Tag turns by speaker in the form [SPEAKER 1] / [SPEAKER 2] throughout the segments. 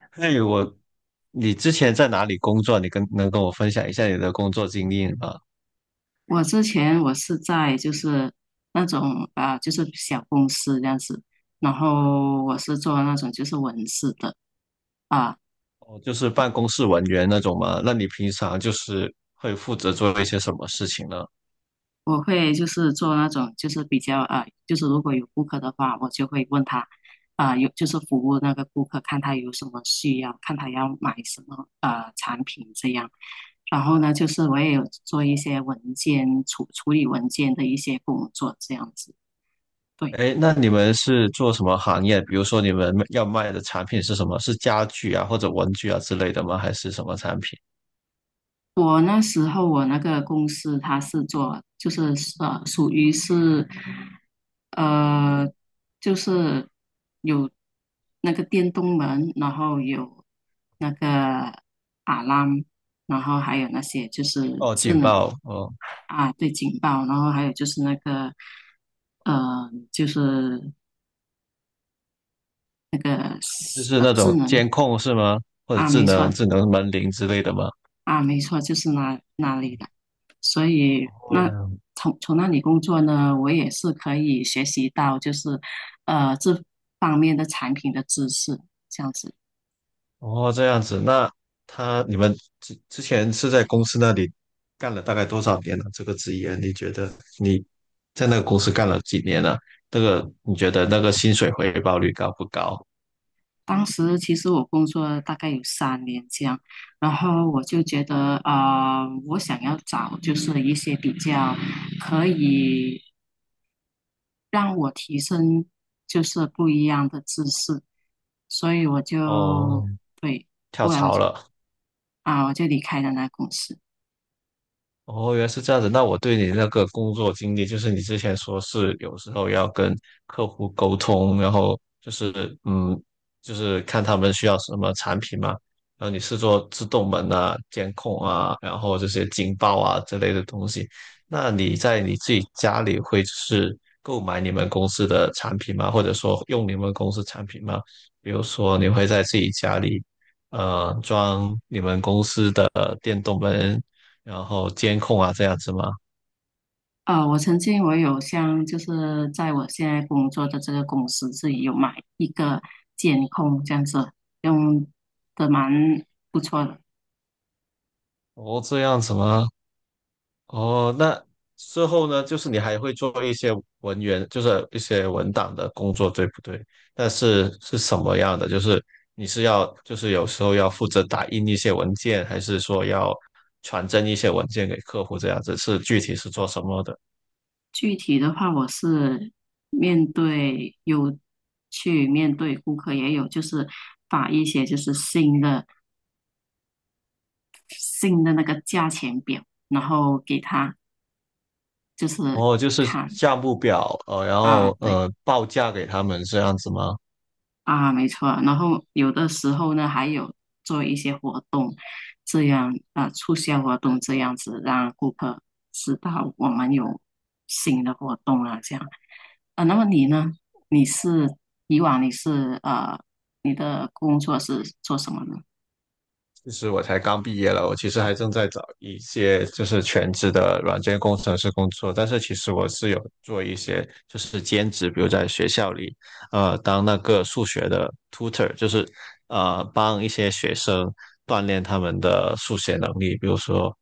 [SPEAKER 1] 哎，你之前在哪里工作？能跟我分享一下你的工作经历吗？
[SPEAKER 2] 我之前是在就是那种啊，就是小公司这样子，然后我是做那种就是文字的。啊，
[SPEAKER 1] 哦，就是办公室文员那种吗？那你平常就是会负责做一些什么事情呢？
[SPEAKER 2] 我会就是做那种就是比较啊，就是如果有顾客的话，我就会问他，有就是服务那个顾客，看他有什么需要，看他要买什么啊产品这样。然后呢，就是我也有做一些文件处处理文件的一些工作这样子，对。
[SPEAKER 1] 哎，那你们是做什么行业？比如说你们要卖的产品是什么？是家具啊，或者文具啊之类的吗？还是什么产品？
[SPEAKER 2] 我那时候那个公司它是做属于是，呃就是有那个电动门，然后有那个 alarm，然后还有那些就是
[SPEAKER 1] 哦，
[SPEAKER 2] 智
[SPEAKER 1] 警
[SPEAKER 2] 能。
[SPEAKER 1] 报，哦，
[SPEAKER 2] 啊对，警报，然后还有就是那个，呃就是那个，
[SPEAKER 1] 就是那
[SPEAKER 2] 智
[SPEAKER 1] 种
[SPEAKER 2] 能。
[SPEAKER 1] 监控是吗？或者
[SPEAKER 2] 啊
[SPEAKER 1] 智
[SPEAKER 2] 没
[SPEAKER 1] 能
[SPEAKER 2] 错，
[SPEAKER 1] 智能门铃之类的吗？
[SPEAKER 2] 啊没错，就是那里的。所以那从那里工作呢，我也是可以学习到就是这方面的产品的知识，这样子。
[SPEAKER 1] 哦，这样子，那你们之前是在公司那里干了大概多少年了，这个职业，你觉得你在那个公司干了几年了？那个你觉得那个薪水回报率高不高？
[SPEAKER 2] 当时其实我工作大概有三年这样，然后我就觉得啊，我想要找就是一些比较可以让我提升就是不一样的知识，所以我就，
[SPEAKER 1] 哦，
[SPEAKER 2] 对，
[SPEAKER 1] 跳
[SPEAKER 2] 后来我
[SPEAKER 1] 槽
[SPEAKER 2] 就，
[SPEAKER 1] 了。
[SPEAKER 2] 我就离开了那公司。
[SPEAKER 1] 哦，原来是这样子。那我对你那个工作经历，就是你之前说是有时候要跟客户沟通，然后就是嗯，就是看他们需要什么产品嘛，然后你是做自动门啊、监控啊，然后这些警报啊之类的东西。那你在你自己家里会就是购买你们公司的产品吗？或者说用你们公司产品吗？比如说你会在自己家里装你们公司的电动门，然后监控啊这样子吗？
[SPEAKER 2] 我曾经我有像就是在我现在工作的这个公司自己有买一个监控这样子，用的蛮不错的。
[SPEAKER 1] 哦，这样子吗？哦，那之后呢，就是你还会做一些文员，就是一些文档的工作，对不对？但是是什么样的？就是你是要，就是有时候要负责打印一些文件，还是说要传真一些文件给客户这样子？是具体是做什么的？
[SPEAKER 2] 具体的话，我是面对，有去面对顾客，也有就是把一些就是新的那个价钱表，然后给他就是
[SPEAKER 1] 哦，就是
[SPEAKER 2] 看。
[SPEAKER 1] 项目表，然后
[SPEAKER 2] 对。
[SPEAKER 1] 报价给他们这样子吗？
[SPEAKER 2] 啊，没错。然后有的时候呢，还有做一些活动，这样啊，促销活动这样子，让顾客知道我们有新的活动啊，这样。啊，那么你呢？你是，以往你是呃，你的工作是做什么呢？
[SPEAKER 1] 其实我才刚毕业了，我其实还正在找一些就是全职的软件工程师工作，但是其实我是有做一些就是兼职，比如在学校里，当那个数学的 tutor，就是帮一些学生锻炼他们的数学能力，比如说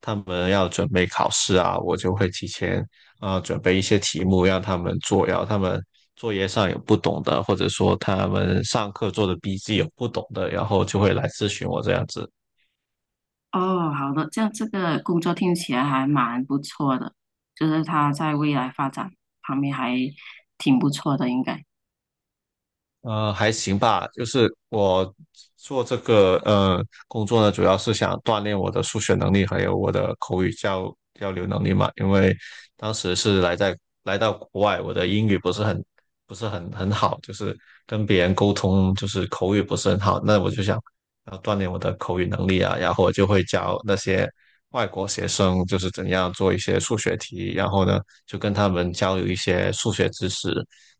[SPEAKER 1] 他们要准备考试啊，我就会提前准备一些题目让他们做，然后他们作业上有不懂的，或者说他们上课做的笔记有不懂的，然后就会来咨询我这样子。
[SPEAKER 2] 哦，好的，这样这个工作听起来还蛮不错的，就是它在未来发展方面还挺不错的，应该。
[SPEAKER 1] 还行吧，就是我做这个工作呢，主要是想锻炼我的数学能力，还有我的口语交流能力嘛。因为当时是来到国外，我的英语不是很好，就是跟别人沟通就是口语不是很好。那我就想要锻炼我的口语能力啊，然后我就会教那些外国学生就是怎样做一些数学题，然后呢就跟他们交流一些数学知识。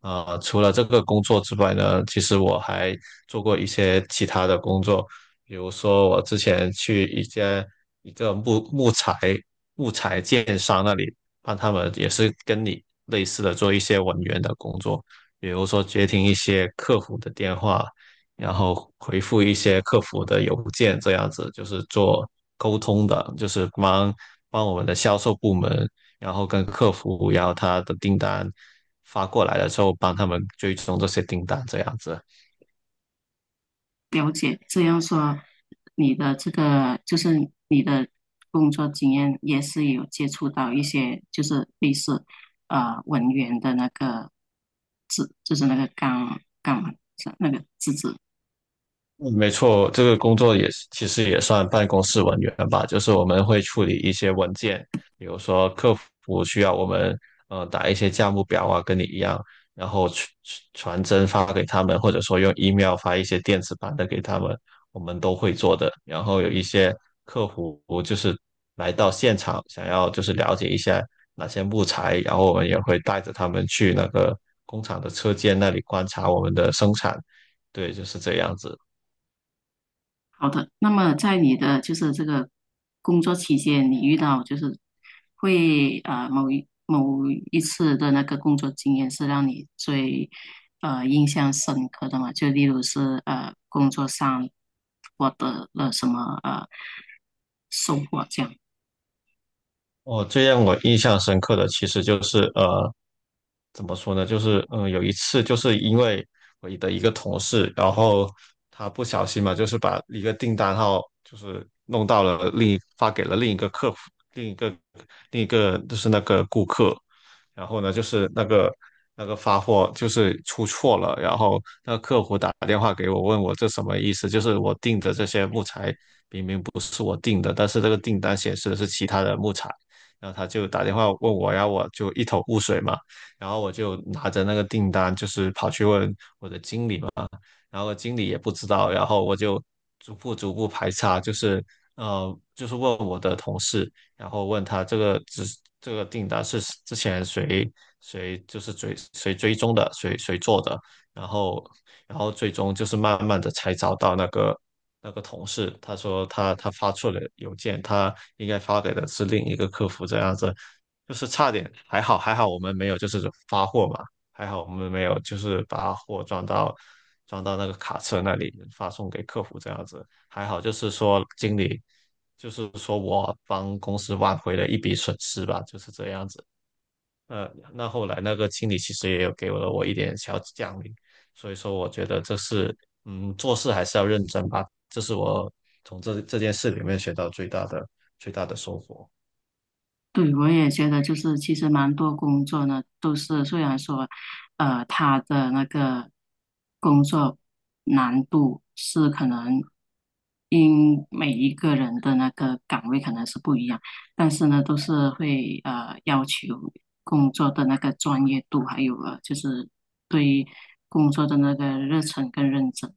[SPEAKER 1] 啊，除了这个工作之外呢，其实我还做过一些其他的工作，比如说我之前去一个木材建商那里，帮他们也是跟你类似的做一些文员的工作，比如说接听一些客服的电话，然后回复一些客服的邮件，这样子就是做沟通的，就是帮我们的销售部门然后跟客服然后他的订单发过来的时候，帮他们追踪这些订单这样子。
[SPEAKER 2] 了解，这样说，你的这个就是你的工作经验也是有接触到一些就是类似文员的那个字，就是那个岗嘛，是那个字。
[SPEAKER 1] 嗯，没错，这个工作也是其实也算办公室文员吧，就是我们会处理一些文件，比如说客服需要我们打一些价目表啊，跟你一样，然后传真发给他们，或者说用 email 发一些电子版的给他们，我们都会做的。然后有一些客服就是来到现场，想要就是了解一下哪些木材，然后我们也会带着他们去那个工厂的车间那里观察我们的生产，对，就是这样子。
[SPEAKER 2] 好的，那么在你的就是这个工作期间，你遇到就是会呃某一某一次的那个工作经验是让你最印象深刻的嘛？就例如是工作上获得了什么收获这样。
[SPEAKER 1] 哦，最让我印象深刻的其实就是怎么说呢？就是有一次就是因为我的一个同事，然后他不小心嘛，就是把一个订单号就是弄到了发给了另一个客服，另一个另一个就是那个顾客，然后呢，就是那个发货就是出错了，然后那个客服打电话给我，问我这什么意思？就是我订的这些木材明明不是我订的，但是这个订单显示的是其他的木材，然后他就打电话问我，然后我就一头雾水嘛。然后我就拿着那个订单，就是跑去问，然后经理也不知道，然后我就逐步逐步排查，就是问我的同事，然后问他这个只这个订单是之前谁就是追踪的，谁做的，然后最终就是慢慢的才找到那个同事，他说他发错了邮件，他应该发给的是另一个客服这样子，就是差点还好还好我们没有就是发货嘛。还好我们没有，就是把货装到那个卡车那里发送给客服这样子。还好就是说经理，就是说我帮公司挽回了一笔损失吧，就是这样子。呃，那后来那个经理其实也有给了我一点小奖励，所以说我觉得这是嗯做事还是要认真吧，这是我从这件事里面学到最大的收获。
[SPEAKER 2] 对，我也觉得就是，其实蛮多工作呢，都是虽然说，他的那个工作难度是可能因每一个人的那个岗位可能是不一样，但是呢，都是会要求工作的那个专业度，还有就是对工作的那个热忱跟认真。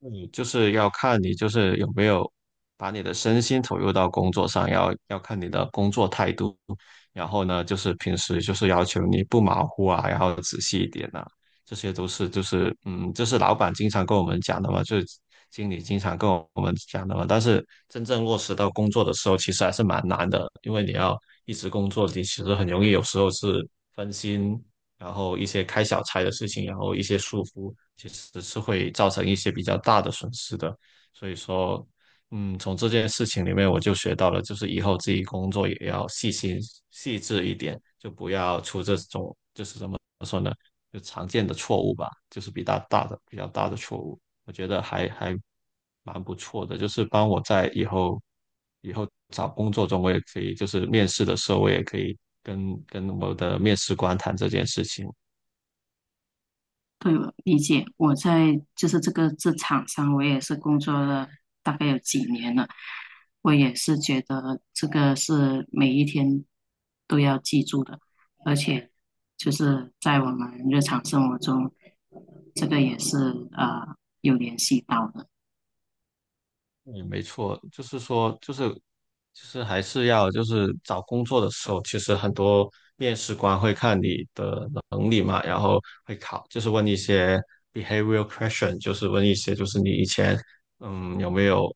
[SPEAKER 1] 你就是要看你就是有没有把你的身心投入到工作上，要看你的工作态度。然后呢，就是平时就是要求你不马虎啊，然后仔细一点啊，这些都是就是嗯，这是老板经常跟我们讲的嘛，就是经理经常跟我们讲的嘛。但是真正落实到工作的时候，其实还是蛮难的，因为你要一直工作，你其实很容易有时候是分心，然后一些开小差的事情，然后一些疏忽，其实是会造成一些比较大的损失的。所以说，嗯，从这件事情里面我就学到了，就是以后自己工作也要细心细致一点，就不要出这种怎么说呢，就常见的错误吧，就是比较大的错误。我觉得还蛮不错的，就是帮我在以后找工作中，我也可以就是面试的时候，我也可以跟我的面试官谈这件事情。
[SPEAKER 2] 对，我理解。我在就是这个这场上，我也是工作了大概有几年了。我也是觉得这个是每一天都要记住的，而且就是在我们日常生活中，这个也是呃有联系到的。
[SPEAKER 1] 嗯，没错，就是说，就是还是要就是找工作的时候，其实很多面试官会看你的能力嘛，然后会考，就是问一些 behavioral question，就是问一些就是你以前有没有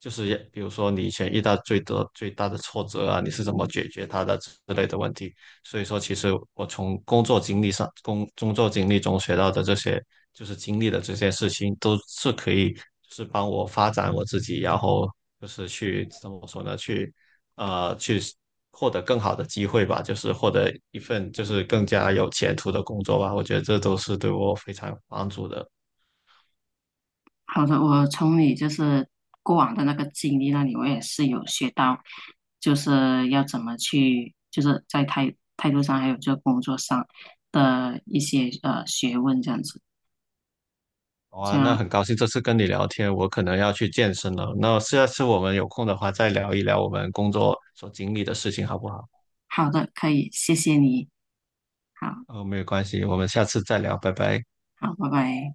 [SPEAKER 1] 就是也比如说你以前遇到最大的挫折啊，你是怎么解决它的之类的问题。所以说，其实我从工作经历上、工作经历中学到的这些，就是经历的这些事情，都是可以就是帮我发展我自己，然后就是去怎么说呢？去获得更好的机会吧，就是获得一份就是更加有前途的工作吧。我觉得这都是对我非常有帮助的。
[SPEAKER 2] 好的，我从你就是过往的那个经历那里，我也是有学到，就是要怎么去，就是在态度上，还有就工作上的一些学问这样子。这
[SPEAKER 1] 哇，那
[SPEAKER 2] 样，
[SPEAKER 1] 很高兴这次跟你聊天，我可能要去健身了。那下次我们有空的话，再聊一聊我们工作所经历的事情，好不好？
[SPEAKER 2] 好的，可以，谢谢你，好
[SPEAKER 1] 哦，没有关系，我们下次再聊，拜拜。
[SPEAKER 2] 好，拜拜。